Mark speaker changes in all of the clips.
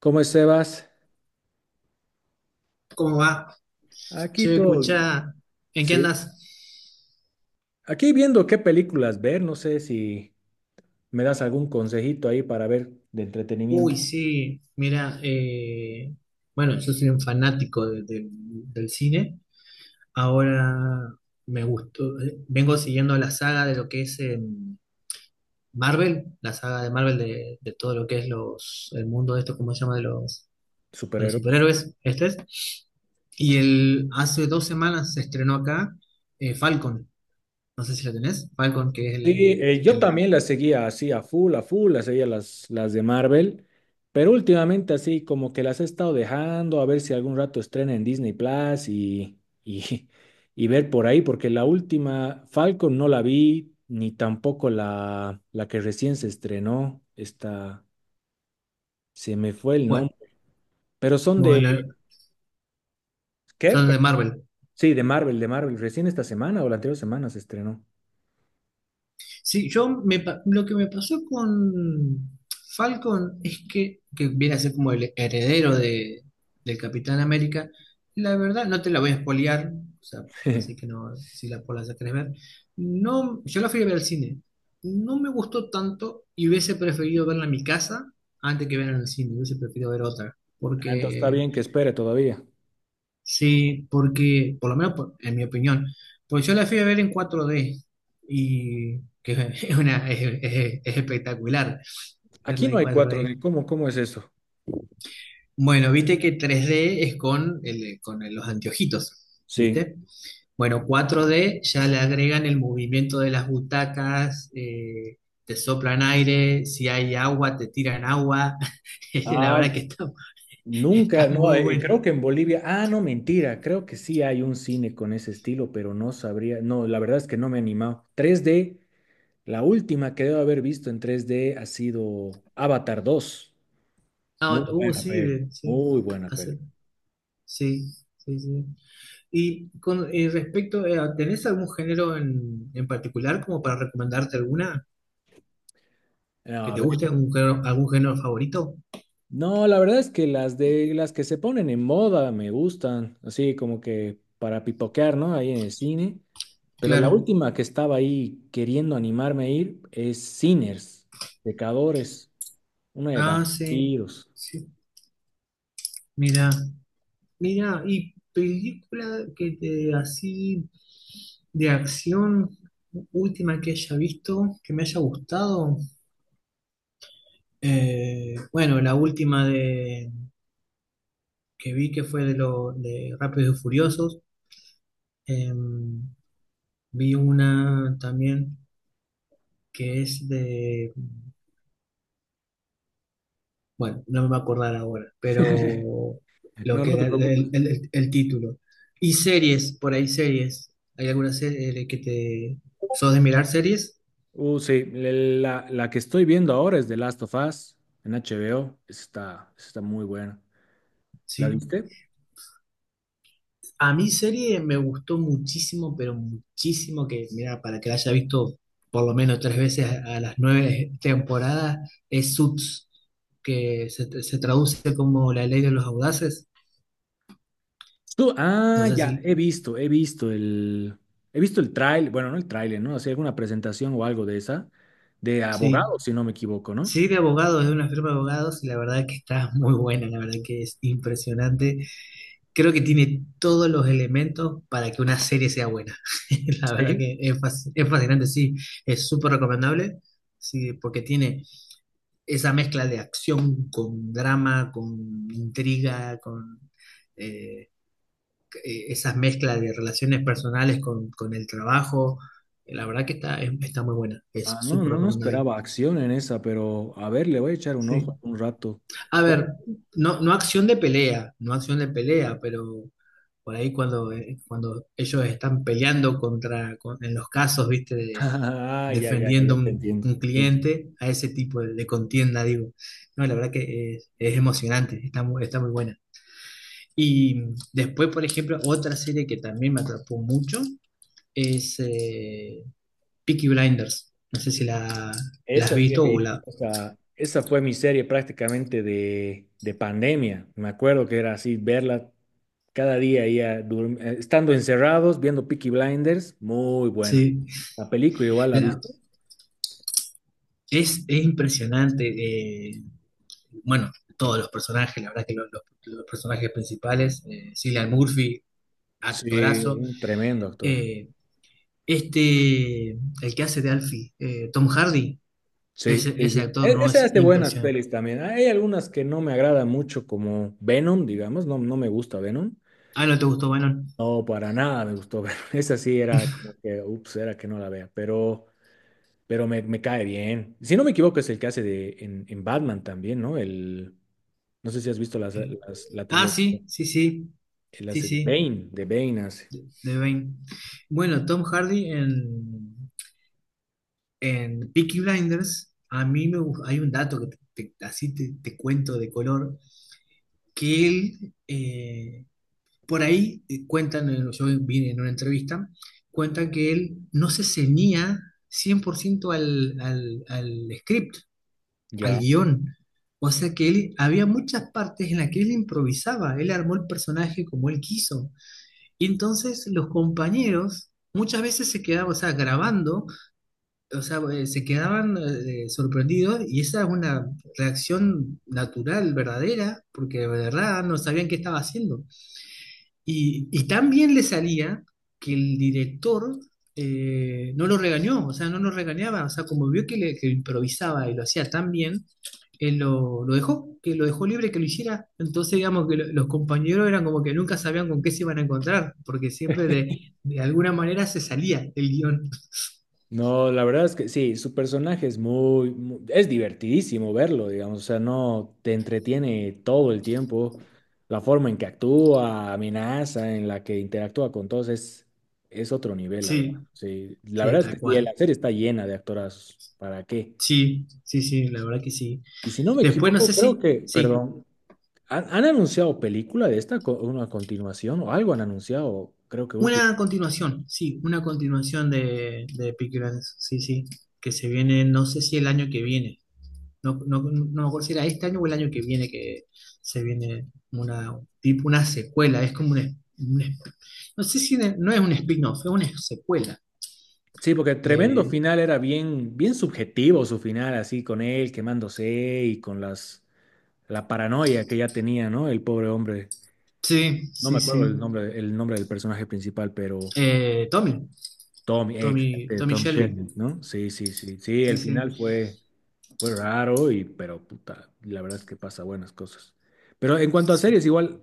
Speaker 1: ¿Cómo estás?
Speaker 2: ¿Cómo va?
Speaker 1: Aquí
Speaker 2: Che,
Speaker 1: todo,
Speaker 2: escucha, ¿en qué
Speaker 1: sí.
Speaker 2: andas?
Speaker 1: Aquí viendo qué películas ver, no sé si me das algún consejito ahí para ver de
Speaker 2: Uy,
Speaker 1: entretenimiento,
Speaker 2: sí, mira, bueno, yo soy un fanático del cine. Ahora me gustó, vengo siguiendo la saga de lo que es Marvel, la saga de Marvel de todo lo que es los, el mundo de esto, ¿cómo se llama? De los
Speaker 1: superhéroes.
Speaker 2: superhéroes, este es. Y el, hace dos semanas se estrenó acá Falcon, no sé si lo tenés, Falcon, que es
Speaker 1: Sí,
Speaker 2: el,
Speaker 1: yo
Speaker 2: el
Speaker 1: también las seguía así a full, las seguía las de Marvel, pero últimamente así como que las he estado dejando, a ver si algún rato estrena en Disney Plus y, y ver por ahí, porque la última Falcon no la vi, ni tampoco la que recién se estrenó, esta, se me fue el nombre. Pero son de,
Speaker 2: bueno.
Speaker 1: ¿qué?
Speaker 2: Son de Marvel.
Speaker 1: Sí, de Marvel, de Marvel. Recién esta semana o la anterior semana se estrenó.
Speaker 2: Sí, yo me, lo que me pasó con Falcon es que viene a ser como el heredero del Capitán América. La verdad, no te la voy a spoilear, o sea, así que no, si la, por la querés ver. No, yo la fui a ver al cine. No me gustó tanto y hubiese preferido verla en mi casa antes que verla en el cine. Hubiese preferido ver otra.
Speaker 1: Ah, entonces está
Speaker 2: Porque
Speaker 1: bien que espere todavía.
Speaker 2: Sí, porque, por lo menos en mi opinión, pues yo la fui a ver en 4D y que es una, es espectacular
Speaker 1: Aquí
Speaker 2: verla
Speaker 1: no
Speaker 2: en
Speaker 1: hay cuatro
Speaker 2: 4D.
Speaker 1: d ¿Cómo es eso?
Speaker 2: Bueno, viste que 3D es con los anteojitos,
Speaker 1: Sí.
Speaker 2: ¿viste? Bueno, 4D ya le agregan el movimiento de las butacas, te soplan aire, si hay agua, te tiran agua. La
Speaker 1: Ah,
Speaker 2: verdad que está,
Speaker 1: nunca,
Speaker 2: está muy
Speaker 1: no,
Speaker 2: bueno.
Speaker 1: creo que en Bolivia, ah, no, mentira, creo que sí hay un cine con ese estilo, pero no sabría, no, la verdad es que no me he animado. 3D, la última que debo haber visto en 3D ha sido Avatar 2. Muy
Speaker 2: Ah,
Speaker 1: buena peli,
Speaker 2: sí, sí,
Speaker 1: muy buena peli.
Speaker 2: hace- sí, sí, sí. Y con respecto a, ¿tenés algún género en particular como para recomendarte alguna que
Speaker 1: A
Speaker 2: te
Speaker 1: ver,
Speaker 2: guste, algún género favorito?
Speaker 1: no, la verdad es que las de las que se ponen en moda me gustan, así como que para pipoquear, ¿no? Ahí en el cine. Pero la
Speaker 2: Claro.
Speaker 1: última que estaba ahí queriendo animarme a ir es Sinners, Pecadores, una de
Speaker 2: Ah, sí.
Speaker 1: vampiros.
Speaker 2: Sí. Mira, mira, y película que te así de acción última que haya visto, que me haya gustado. Bueno, la última de que vi que fue de los de Rápidos y Furiosos. Em, Vi una también que es de, bueno, no me voy a acordar ahora, pero lo
Speaker 1: No,
Speaker 2: que
Speaker 1: no te
Speaker 2: era el, el-
Speaker 1: preocupes.
Speaker 2: el- el título. Y series, por ahí series. ¿Hay alguna serie que te... ¿Sos de mirar series?
Speaker 1: Sí, la que estoy viendo ahora es The Last of Us en HBO. Esa está muy buena. ¿La
Speaker 2: Sí.
Speaker 1: viste?
Speaker 2: A mí serie me gustó muchísimo, pero muchísimo que, mira, para que la haya visto por lo menos tres veces a las nueve temporadas, es Suits, que se traduce como La Ley de los Audaces. No
Speaker 1: Ah,
Speaker 2: sé si...
Speaker 1: ya, he visto el trailer, bueno, no el trailer, ¿no? Hacía alguna presentación o algo de esa, de
Speaker 2: Sí,
Speaker 1: abogados, si no me equivoco, ¿no?
Speaker 2: sí, de abogados, es una firma de abogados y la verdad que está muy buena, la verdad que es impresionante. Creo que tiene todos los elementos para que una serie sea buena. La verdad
Speaker 1: Sí.
Speaker 2: que es fascinante, sí, es súper recomendable, sí, porque tiene esa mezcla de acción con drama, con intriga, con eh, esas mezclas de relaciones personales con el trabajo. La verdad que está muy buena, es
Speaker 1: Ah, no,
Speaker 2: súper
Speaker 1: no, no
Speaker 2: recomendable.
Speaker 1: esperaba acción en esa, pero a ver, le voy a echar un
Speaker 2: Sí.
Speaker 1: ojo un rato.
Speaker 2: A ver, no, no acción de pelea, no acción de pelea, pero por ahí cuando ellos están peleando contra en los casos, viste,
Speaker 1: Ah, ya, ya, ya,
Speaker 2: defendiendo
Speaker 1: ya te
Speaker 2: un,
Speaker 1: entiendo.
Speaker 2: un
Speaker 1: Sí, sí.
Speaker 2: cliente, a ese tipo de contienda, digo. No, la verdad que es emocionante, está muy buena. Y después, por ejemplo, otra serie que también me atrapó mucho es Peaky Blinders. No sé si la has
Speaker 1: Esa sí he
Speaker 2: visto o
Speaker 1: visto,
Speaker 2: la...
Speaker 1: o sea, esa fue mi serie prácticamente de pandemia. Me acuerdo que era así, verla cada día, ya, estando encerrados, viendo Peaky Blinders, muy buena.
Speaker 2: Sí,
Speaker 1: La película igual la
Speaker 2: la-
Speaker 1: viste.
Speaker 2: es impresionante. Bueno, todos los personajes, la verdad que los, los personajes principales, Cillian Murphy,
Speaker 1: Sí,
Speaker 2: actorazo.
Speaker 1: un tremendo actor.
Speaker 2: Eh, este, el que hace de Alfie, Tom Hardy,
Speaker 1: Sí,
Speaker 2: ese,
Speaker 1: sí, sí.
Speaker 2: ese actor no
Speaker 1: Esa
Speaker 2: es
Speaker 1: es de buenas
Speaker 2: impresionante.
Speaker 1: pelis también. Hay algunas que no me agradan mucho, como Venom, digamos, no, no me gusta Venom.
Speaker 2: Ah, ¿no te gustó, Bannon?
Speaker 1: No, para nada me gustó Venom. Esa sí era como que, ups, era que no la vea, pero me cae bien. Si no me equivoco, es el que hace de, en Batman también, ¿no? No sé si has visto las,
Speaker 2: Eh,
Speaker 1: las- la
Speaker 2: ah,
Speaker 1: trilogía,
Speaker 2: sí, sí, sí,
Speaker 1: él
Speaker 2: sí,
Speaker 1: hace
Speaker 2: sí,
Speaker 1: De Bane hace.
Speaker 2: de Bane. Bueno, Tom Hardy en Peaky Blinders, a mí hay un dato que así te cuento de color, que él... Por ahí cuentan, yo vi en una entrevista, cuentan que él no se ceñía 100% al script, al
Speaker 1: Ya.
Speaker 2: guión. O sea que él, había muchas partes en las que él improvisaba, él armó el personaje como él quiso. Y entonces los compañeros muchas veces se quedaban, o sea, grabando, o sea, se quedaban sorprendidos y esa es una reacción natural, verdadera, porque de verdad no sabían qué estaba haciendo. Y tan bien le salía que el director no lo regañó, o sea, no lo regañaba, o sea, como vio que, le, que improvisaba y lo hacía tan bien, él lo dejó, que lo dejó libre que lo hiciera. Entonces, digamos que los compañeros eran como que nunca sabían con qué se iban a encontrar, porque siempre de alguna manera se salía el guión.
Speaker 1: No, la verdad es que sí, su personaje es es divertidísimo verlo, digamos, o sea, no te entretiene todo el tiempo, la forma en que actúa, amenaza, en la que interactúa con todos es otro nivel, la verdad.
Speaker 2: Sí,
Speaker 1: Sí, la
Speaker 2: sí,
Speaker 1: verdad es
Speaker 2: tal
Speaker 1: que sí, la
Speaker 2: cual.
Speaker 1: serie está llena de actorazos, ¿para qué?
Speaker 2: Sí, sí, sí, la verdad que sí.
Speaker 1: Y si no me
Speaker 2: Después, no
Speaker 1: equivoco,
Speaker 2: sé
Speaker 1: creo
Speaker 2: si,
Speaker 1: que,
Speaker 2: sí.
Speaker 1: perdón, han anunciado película de esta, una continuación o algo han anunciado, creo que último.
Speaker 2: Una continuación, sí, una continuación de Peaky Blinders, sí, sí, que se viene, no sé si el año que viene, no, no, no me acuerdo si era este año o el año que viene que se viene una, tipo una secuela, es como una no sé si no es un spin-off, es una secuela
Speaker 1: Sí, porque tremendo
Speaker 2: de,
Speaker 1: final era bien, bien subjetivo su final, así con él quemándose y con la paranoia que ya tenía, ¿no? El pobre hombre.
Speaker 2: sí,
Speaker 1: No me
Speaker 2: sí,
Speaker 1: acuerdo
Speaker 2: sí,
Speaker 1: el nombre del personaje principal, pero
Speaker 2: eh, Tommy, Tommy, Tommy
Speaker 1: Tom
Speaker 2: Shelby,
Speaker 1: Shanks, ¿no? Sí, sí, sí. Sí,
Speaker 2: sí,
Speaker 1: el
Speaker 2: sí,
Speaker 1: final fue. Fue raro, pero puta, la verdad es que pasa buenas cosas. Pero en cuanto a
Speaker 2: sí,
Speaker 1: series, igual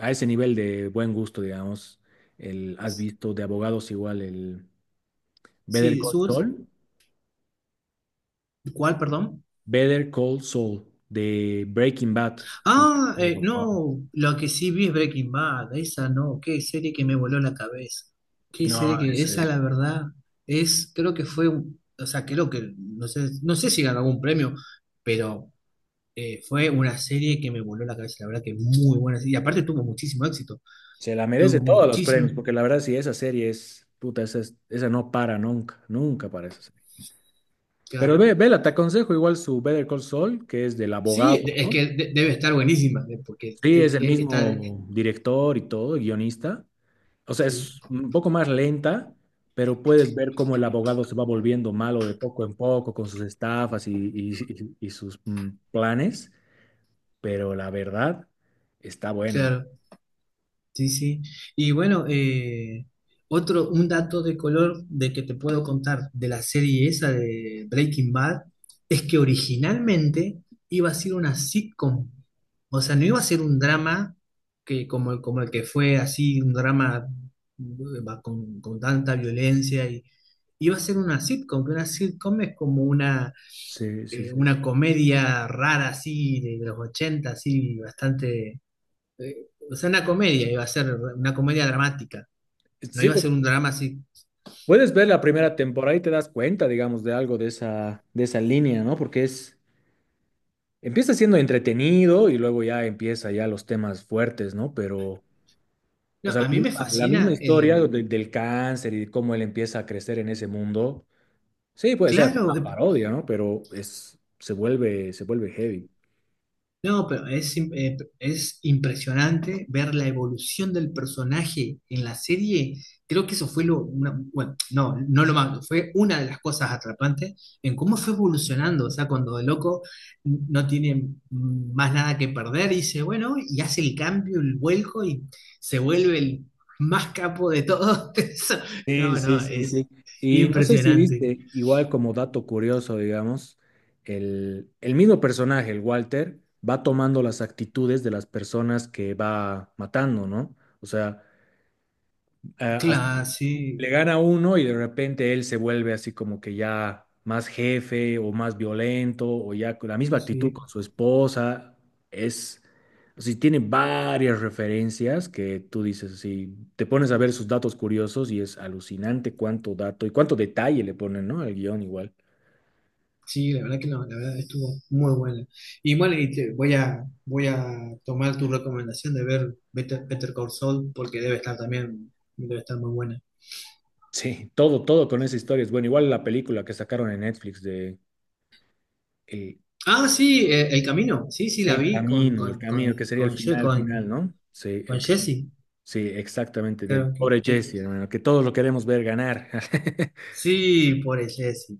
Speaker 1: a ese nivel de buen gusto, digamos, has visto de abogados igual el Better
Speaker 2: sí,
Speaker 1: Call
Speaker 2: Suits,
Speaker 1: Saul,
Speaker 2: ¿cuál, perdón?
Speaker 1: Better Call Saul de Breaking Bad.
Speaker 2: Ah,
Speaker 1: Wow.
Speaker 2: no, lo que sí vi es Breaking Bad, esa no, qué serie que me voló la cabeza, qué serie
Speaker 1: No,
Speaker 2: que, esa la verdad, es, creo que fue, o sea, creo que, no sé si ganó algún premio, pero fue una serie que me voló la cabeza, la verdad que muy buena, serie, y aparte tuvo muchísimo éxito,
Speaker 1: se la merece
Speaker 2: tuvo
Speaker 1: todos los
Speaker 2: muchísimo,
Speaker 1: premios, porque la verdad sí, esa serie es, puta, esa no para nunca, nunca para esa serie. Pero
Speaker 2: claro,
Speaker 1: vela, te aconsejo igual su Better Call Saul, que es del
Speaker 2: sí,
Speaker 1: abogado,
Speaker 2: es
Speaker 1: ¿no?
Speaker 2: que debe estar buenísima, porque
Speaker 1: Sí, es el Sí.
Speaker 2: está,
Speaker 1: mismo director y todo, guionista. O sea,
Speaker 2: sí,
Speaker 1: es un poco más lenta, pero puedes ver cómo el abogado se va volviendo malo de poco en poco con sus estafas y sus planes, pero la verdad está buena.
Speaker 2: claro. Sí, sí. Y bueno, otro, un dato de color de que te puedo contar de la serie esa de Breaking Bad es que originalmente iba a ser una sitcom. O sea, no iba a ser un drama que, como, como el que fue así, un drama va con tanta violencia. Y, iba a ser una sitcom, que una sitcom es como una,
Speaker 1: Sí, sí,
Speaker 2: eh,
Speaker 1: sí.
Speaker 2: una comedia rara así de los 80 así bastante eh, o sea, una comedia, iba a ser una comedia dramática, no
Speaker 1: Sí,
Speaker 2: iba a ser un
Speaker 1: porque
Speaker 2: drama así.
Speaker 1: puedes ver la primera temporada y te das cuenta, digamos, de algo de esa, línea, ¿no? Porque empieza siendo entretenido y luego ya empieza ya los temas fuertes, ¿no? Pero... O
Speaker 2: No,
Speaker 1: sea, la
Speaker 2: a mí me
Speaker 1: misma,
Speaker 2: fascina
Speaker 1: historia
Speaker 2: el,
Speaker 1: del cáncer y de cómo él empieza a crecer en ese mundo. Sí, puede ser
Speaker 2: claro,
Speaker 1: una parodia, ¿no? Pero se vuelve heavy.
Speaker 2: No, pero es impresionante ver la evolución del personaje en la serie. Creo que eso fue lo, bueno, no, no lo más, fue una de las cosas atrapantes en cómo fue evolucionando. O sea, cuando el loco no tiene más nada que perder, dice, bueno, y hace el cambio, el vuelco y se vuelve el más capo de todo.
Speaker 1: Sí,
Speaker 2: No,
Speaker 1: sí,
Speaker 2: no,
Speaker 1: sí,
Speaker 2: es
Speaker 1: sí. Y no sé si
Speaker 2: impresionante.
Speaker 1: viste, igual como dato curioso, digamos, el mismo personaje, el Walter, va tomando las actitudes de las personas que va matando, ¿no? O sea, a, su
Speaker 2: Claro, sí,
Speaker 1: le gana uno y de repente él se vuelve así como que ya más jefe o más violento o ya con la misma actitud
Speaker 2: sí.
Speaker 1: con su esposa. Es, o sea, tiene varias referencias que tú dices así, te pones a ver sus datos curiosos y es alucinante cuánto dato y cuánto detalle le ponen, ¿no? Al guión igual.
Speaker 2: Sí, la verdad que no, la verdad estuvo muy buena. Y bueno, y voy a, tomar tu recomendación de ver Better Call Saul porque debe estar también, debe estar muy buena.
Speaker 1: Sí, todo, todo con esa historia es bueno. Igual la película que sacaron en Netflix de eh,
Speaker 2: Ah, sí, El Camino, sí, sí, la
Speaker 1: El
Speaker 2: vi con,
Speaker 1: Camino, El
Speaker 2: con, con,
Speaker 1: Camino, que sería el
Speaker 2: con, Ye-
Speaker 1: final,
Speaker 2: con,
Speaker 1: final, ¿no? Sí,
Speaker 2: con
Speaker 1: el Camino.
Speaker 2: Jesse,
Speaker 1: Sí, exactamente, del
Speaker 2: claro que,
Speaker 1: pobre Jesse, hermano, que todos lo queremos ver ganar.
Speaker 2: sí, pobre Jesse.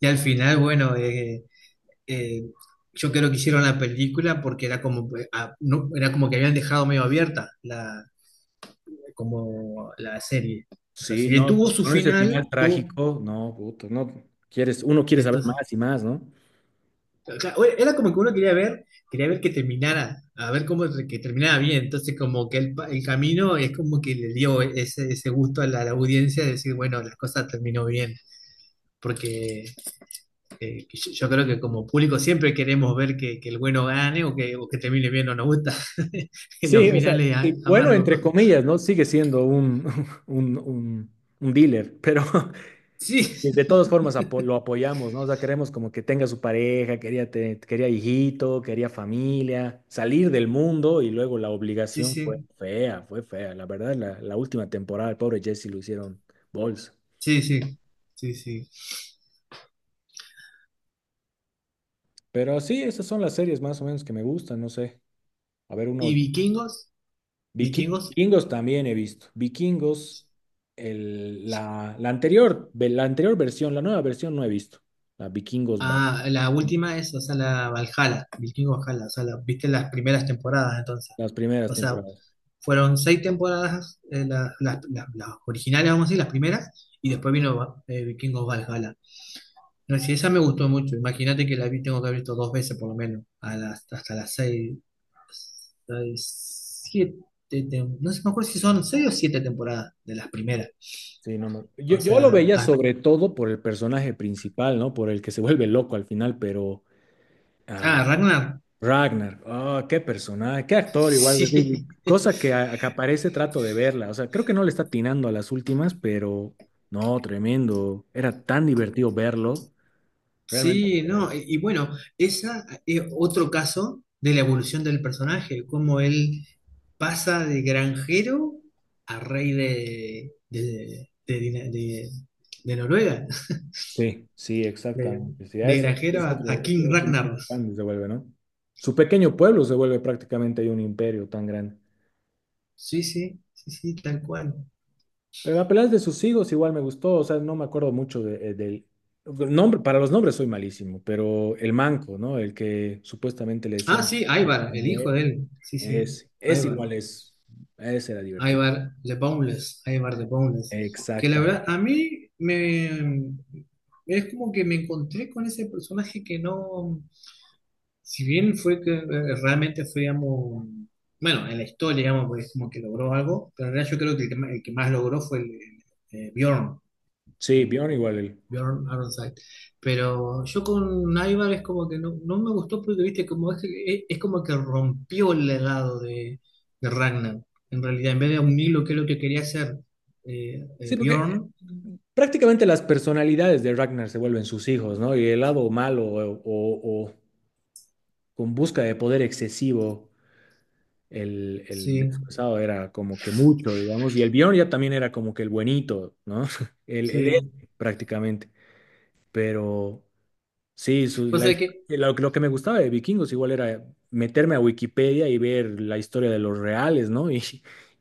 Speaker 2: Y al final, bueno, eh, yo creo que hicieron la película porque era como, ah, no, era como que habían dejado medio abierta como la serie. O sea,
Speaker 1: Sí,
Speaker 2: si bien
Speaker 1: no,
Speaker 2: tuvo su
Speaker 1: con ese final
Speaker 2: final, tuvo,
Speaker 1: trágico, no, puto, no, uno quiere saber
Speaker 2: entonces,
Speaker 1: más y más, ¿no?
Speaker 2: claro, era como que uno quería ver, que terminara, a ver cómo que terminaba bien. Entonces, como que el, el camino es como que le dio ese gusto a la audiencia de decir, bueno, las cosas terminó bien. Porque que yo creo que como público siempre queremos ver que el bueno gane o que termine bien, no nos gusta en
Speaker 1: Sí,
Speaker 2: los
Speaker 1: o sea,
Speaker 2: finales
Speaker 1: y bueno,
Speaker 2: amargos.
Speaker 1: entre
Speaker 2: ¿No?
Speaker 1: comillas, ¿no? Sigue siendo un, un, un, un dealer, pero
Speaker 2: Sí,
Speaker 1: de todas formas lo apoyamos, ¿no? O sea, queremos como que tenga su pareja, quería, quería hijito, quería familia, salir del mundo y luego la
Speaker 2: sí,
Speaker 1: obligación fue
Speaker 2: sí,
Speaker 1: fea, fue fea. La verdad, la última temporada, el pobre Jesse lo hicieron bols.
Speaker 2: sí, sí, sí, sí.
Speaker 1: Pero sí, esas son las series más o menos que me gustan, no sé. A ver, una
Speaker 2: ¿Y
Speaker 1: última.
Speaker 2: vikingos? ¿Vikingos?
Speaker 1: Vikingos también he visto. Vikingos, la anterior versión, la nueva versión no he visto. La Vikingos Back,
Speaker 2: Ah, la última es, o sea, la Valhalla, Vikingo Valhalla, o sea, viste las primeras temporadas entonces.
Speaker 1: las primeras
Speaker 2: O sea,
Speaker 1: temporadas.
Speaker 2: fueron seis temporadas, las originales, vamos a decir, las primeras, y después vino Vikingos Valhalla. No, si esa me gustó mucho, imagínate que la vi, tengo que haber visto dos veces por lo menos, hasta las seis, seis, siete, no sé, me acuerdo si son seis o siete temporadas de las primeras.
Speaker 1: Sí, no me- Yo,
Speaker 2: O
Speaker 1: yo lo
Speaker 2: sea,
Speaker 1: veía
Speaker 2: ah,
Speaker 1: sobre todo por el personaje principal, ¿no? Por el que se vuelve loco al final, pero... ah,
Speaker 2: ah, Ragnar,
Speaker 1: Ragnar, oh, qué personaje, qué actor igual, es decir,
Speaker 2: sí.
Speaker 1: cosa que, que aparece trato de verla, o sea, creo que no le está atinando a las últimas, pero no, tremendo, era tan divertido verlo, realmente.
Speaker 2: Sí, no, y bueno, esa es otro caso de la evolución del personaje, cómo él pasa de granjero a rey de Noruega,
Speaker 1: Sí, sí,
Speaker 2: de,
Speaker 1: exactamente, sí, a
Speaker 2: de
Speaker 1: ese, este
Speaker 2: granjero
Speaker 1: es
Speaker 2: a,
Speaker 1: otro,
Speaker 2: a
Speaker 1: este
Speaker 2: King
Speaker 1: es un
Speaker 2: Ragnar.
Speaker 1: grande se vuelve, ¿no? Su pequeño pueblo se vuelve prácticamente ahí un imperio tan grande.
Speaker 2: Sí, sí, sí, sí, tal cual.
Speaker 1: Pero la pelea de sus hijos igual me gustó, o sea, no me acuerdo mucho del nombre, para los nombres soy malísimo, pero el manco, ¿no? El que supuestamente le
Speaker 2: Ah,
Speaker 1: decían...
Speaker 2: sí, Ivar, el hijo de él. Sí, sí,
Speaker 1: Es
Speaker 2: Ivar.
Speaker 1: igual, es. Ese era divertido.
Speaker 2: Ivar the Boundless, que la
Speaker 1: Exacta.
Speaker 2: verdad a mí me es como que me encontré con ese personaje que no, si bien fue que realmente fue, digamos, bueno, en la historia, digamos, pues como que logró algo, pero en realidad yo creo que el que más logró fue el, eh, Bjorn
Speaker 1: Sí,
Speaker 2: el
Speaker 1: Bjorn igual él.
Speaker 2: Bjorn Ironside. Pero yo con Ivar es como que no, no me gustó porque, viste, como es, como que rompió el legado de Ragnar. En realidad, en vez de unirlo, que es lo que quería hacer
Speaker 1: Sí, porque
Speaker 2: Bjorn,
Speaker 1: prácticamente las personalidades de Ragnar se vuelven sus hijos, ¿no? Y el lado malo o con busca de poder excesivo, el
Speaker 2: sí,
Speaker 1: desfasado era como que mucho, digamos. Y el Bjorn ya también era como que el buenito, ¿no? El héroe,
Speaker 2: sí.
Speaker 1: prácticamente. Pero. Sí, su-
Speaker 2: O
Speaker 1: la-
Speaker 2: sea que,
Speaker 1: lo, lo que me gustaba de Vikingos igual era meterme a Wikipedia y ver la historia de los reales, ¿no? Y,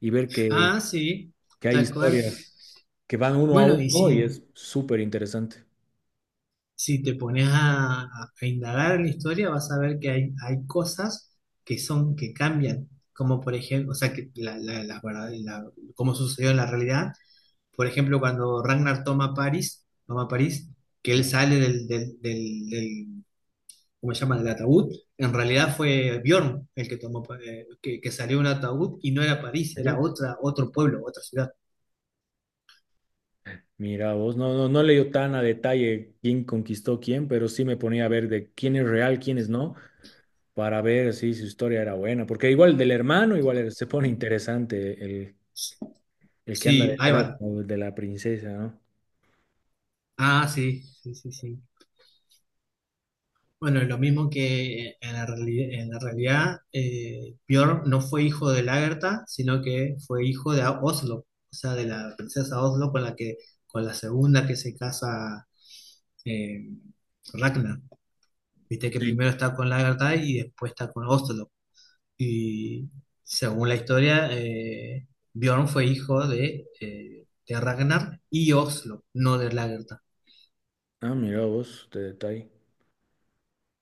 Speaker 1: y ver que,
Speaker 2: ah, sí,
Speaker 1: que hay
Speaker 2: tal cual.
Speaker 1: historias que van uno a
Speaker 2: Bueno, y
Speaker 1: uno y
Speaker 2: sí.
Speaker 1: es súper interesante.
Speaker 2: Si te pones a indagar en la historia, vas a ver que hay cosas que son, que cambian, como por ejemplo, o sea, que como sucedió en la realidad, por ejemplo, cuando Ragnar toma París, que él
Speaker 1: Ya.
Speaker 2: sale del ¿cómo se llama?, del ataúd, en realidad fue Bjorn el que tomó, que salió de un ataúd y no era París, era
Speaker 1: Sí.
Speaker 2: otra, otro pueblo, otra ciudad.
Speaker 1: Mira vos, no, no, no leyó tan a detalle quién conquistó quién, pero sí me ponía a ver de quién es real, quién es no, para ver si su historia era buena. Porque igual del hermano, igual se pone interesante el que anda
Speaker 2: Sí,
Speaker 1: detrás
Speaker 2: Ivar.
Speaker 1: ¿no?, de la princesa, ¿no?
Speaker 2: Ah, sí, sí, sí, sí. Bueno, lo mismo que en la realidad, Björn no fue hijo de Lagertha, sino que fue hijo de Oslo, o sea, de la princesa Oslo con la que, con la segunda que se casa eh, Ragnar. Viste que
Speaker 1: Sí.
Speaker 2: primero está con Lagertha y después está con Oslo. Y según la historia, Björn fue hijo de Ragnar y Oslo, no de Lagertha.
Speaker 1: Ah, mira vos, de detalle.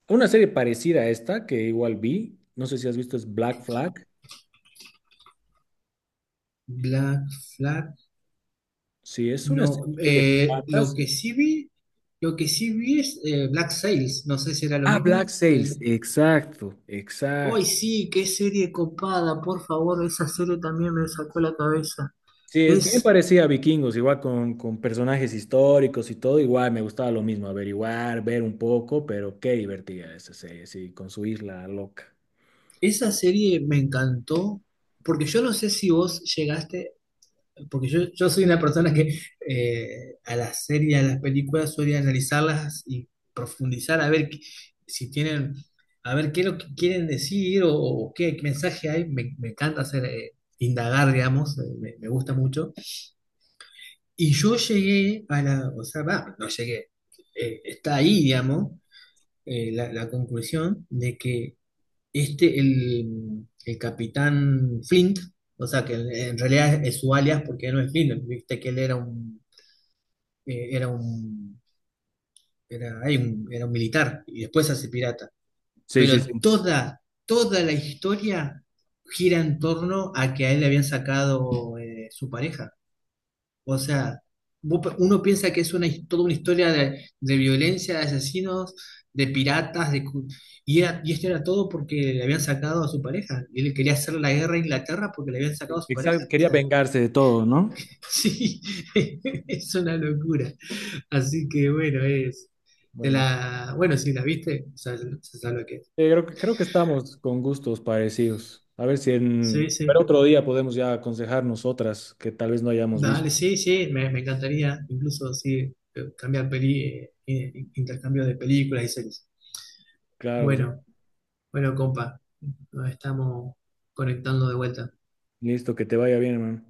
Speaker 1: Una serie parecida a esta que igual vi, no sé si has visto, es Black Flag.
Speaker 2: Black Flag.
Speaker 1: Sí, es una serie
Speaker 2: No,
Speaker 1: igual de
Speaker 2: lo
Speaker 1: patas.
Speaker 2: que sí vi, lo que sí vi es Black Sails, no sé si era lo
Speaker 1: Ah, Black
Speaker 2: mismo.
Speaker 1: Sails,
Speaker 2: El...
Speaker 1: exacto,
Speaker 2: ¡Ay,
Speaker 1: exacto.
Speaker 2: sí! ¡Qué serie copada! Por favor, esa serie también me sacó la cabeza.
Speaker 1: Sí, es bien
Speaker 2: Es,
Speaker 1: parecida a Vikingos, igual con personajes históricos y todo, igual me gustaba lo mismo, averiguar, ver un poco, pero qué divertida esa serie, sí, con su isla loca.
Speaker 2: esa serie me encantó, porque yo no sé si vos llegaste. Porque yo, soy una persona que a las series, a las películas suele analizarlas y profundizar a ver si tienen, a ver qué es lo que quieren decir o qué mensaje hay. Me encanta hacer, indagar, digamos, me gusta mucho. Y yo llegué a la, o sea, va, no llegué. Está ahí, digamos, la conclusión de que este, el capitán Flint, o sea, que en realidad es su alias porque no es Flint, viste que él era un era un, era, hay un- era un militar y después se hace pirata.
Speaker 1: Sí, sí, sí.
Speaker 2: Pero toda la historia gira en torno a que a él le habían sacado su pareja. O sea, uno piensa que es toda una historia de violencia, de asesinos, de piratas, de, cu- y, era- y esto era todo porque le habían sacado a su pareja. Y él quería hacer la guerra a Inglaterra porque le habían sacado a su pareja.
Speaker 1: Exacto,
Speaker 2: O
Speaker 1: quería
Speaker 2: sea,
Speaker 1: vengarse de todo, ¿no?
Speaker 2: sí, es una locura. Así que bueno, es. Te
Speaker 1: Bueno.
Speaker 2: la. Bueno, si la viste, o sea, se sabe lo que es.
Speaker 1: Creo que estamos con gustos parecidos. A ver si en...
Speaker 2: Sí,
Speaker 1: Pero
Speaker 2: sí.
Speaker 1: otro día podemos ya aconsejarnos otras que tal vez no hayamos visto.
Speaker 2: Dale, sí, sí, me encantaría, incluso sí, cambiar intercambio de películas y series.
Speaker 1: Claro, pues,
Speaker 2: Bueno, bueno, compa, nos estamos conectando de vuelta.
Speaker 1: listo, que te vaya bien, hermano.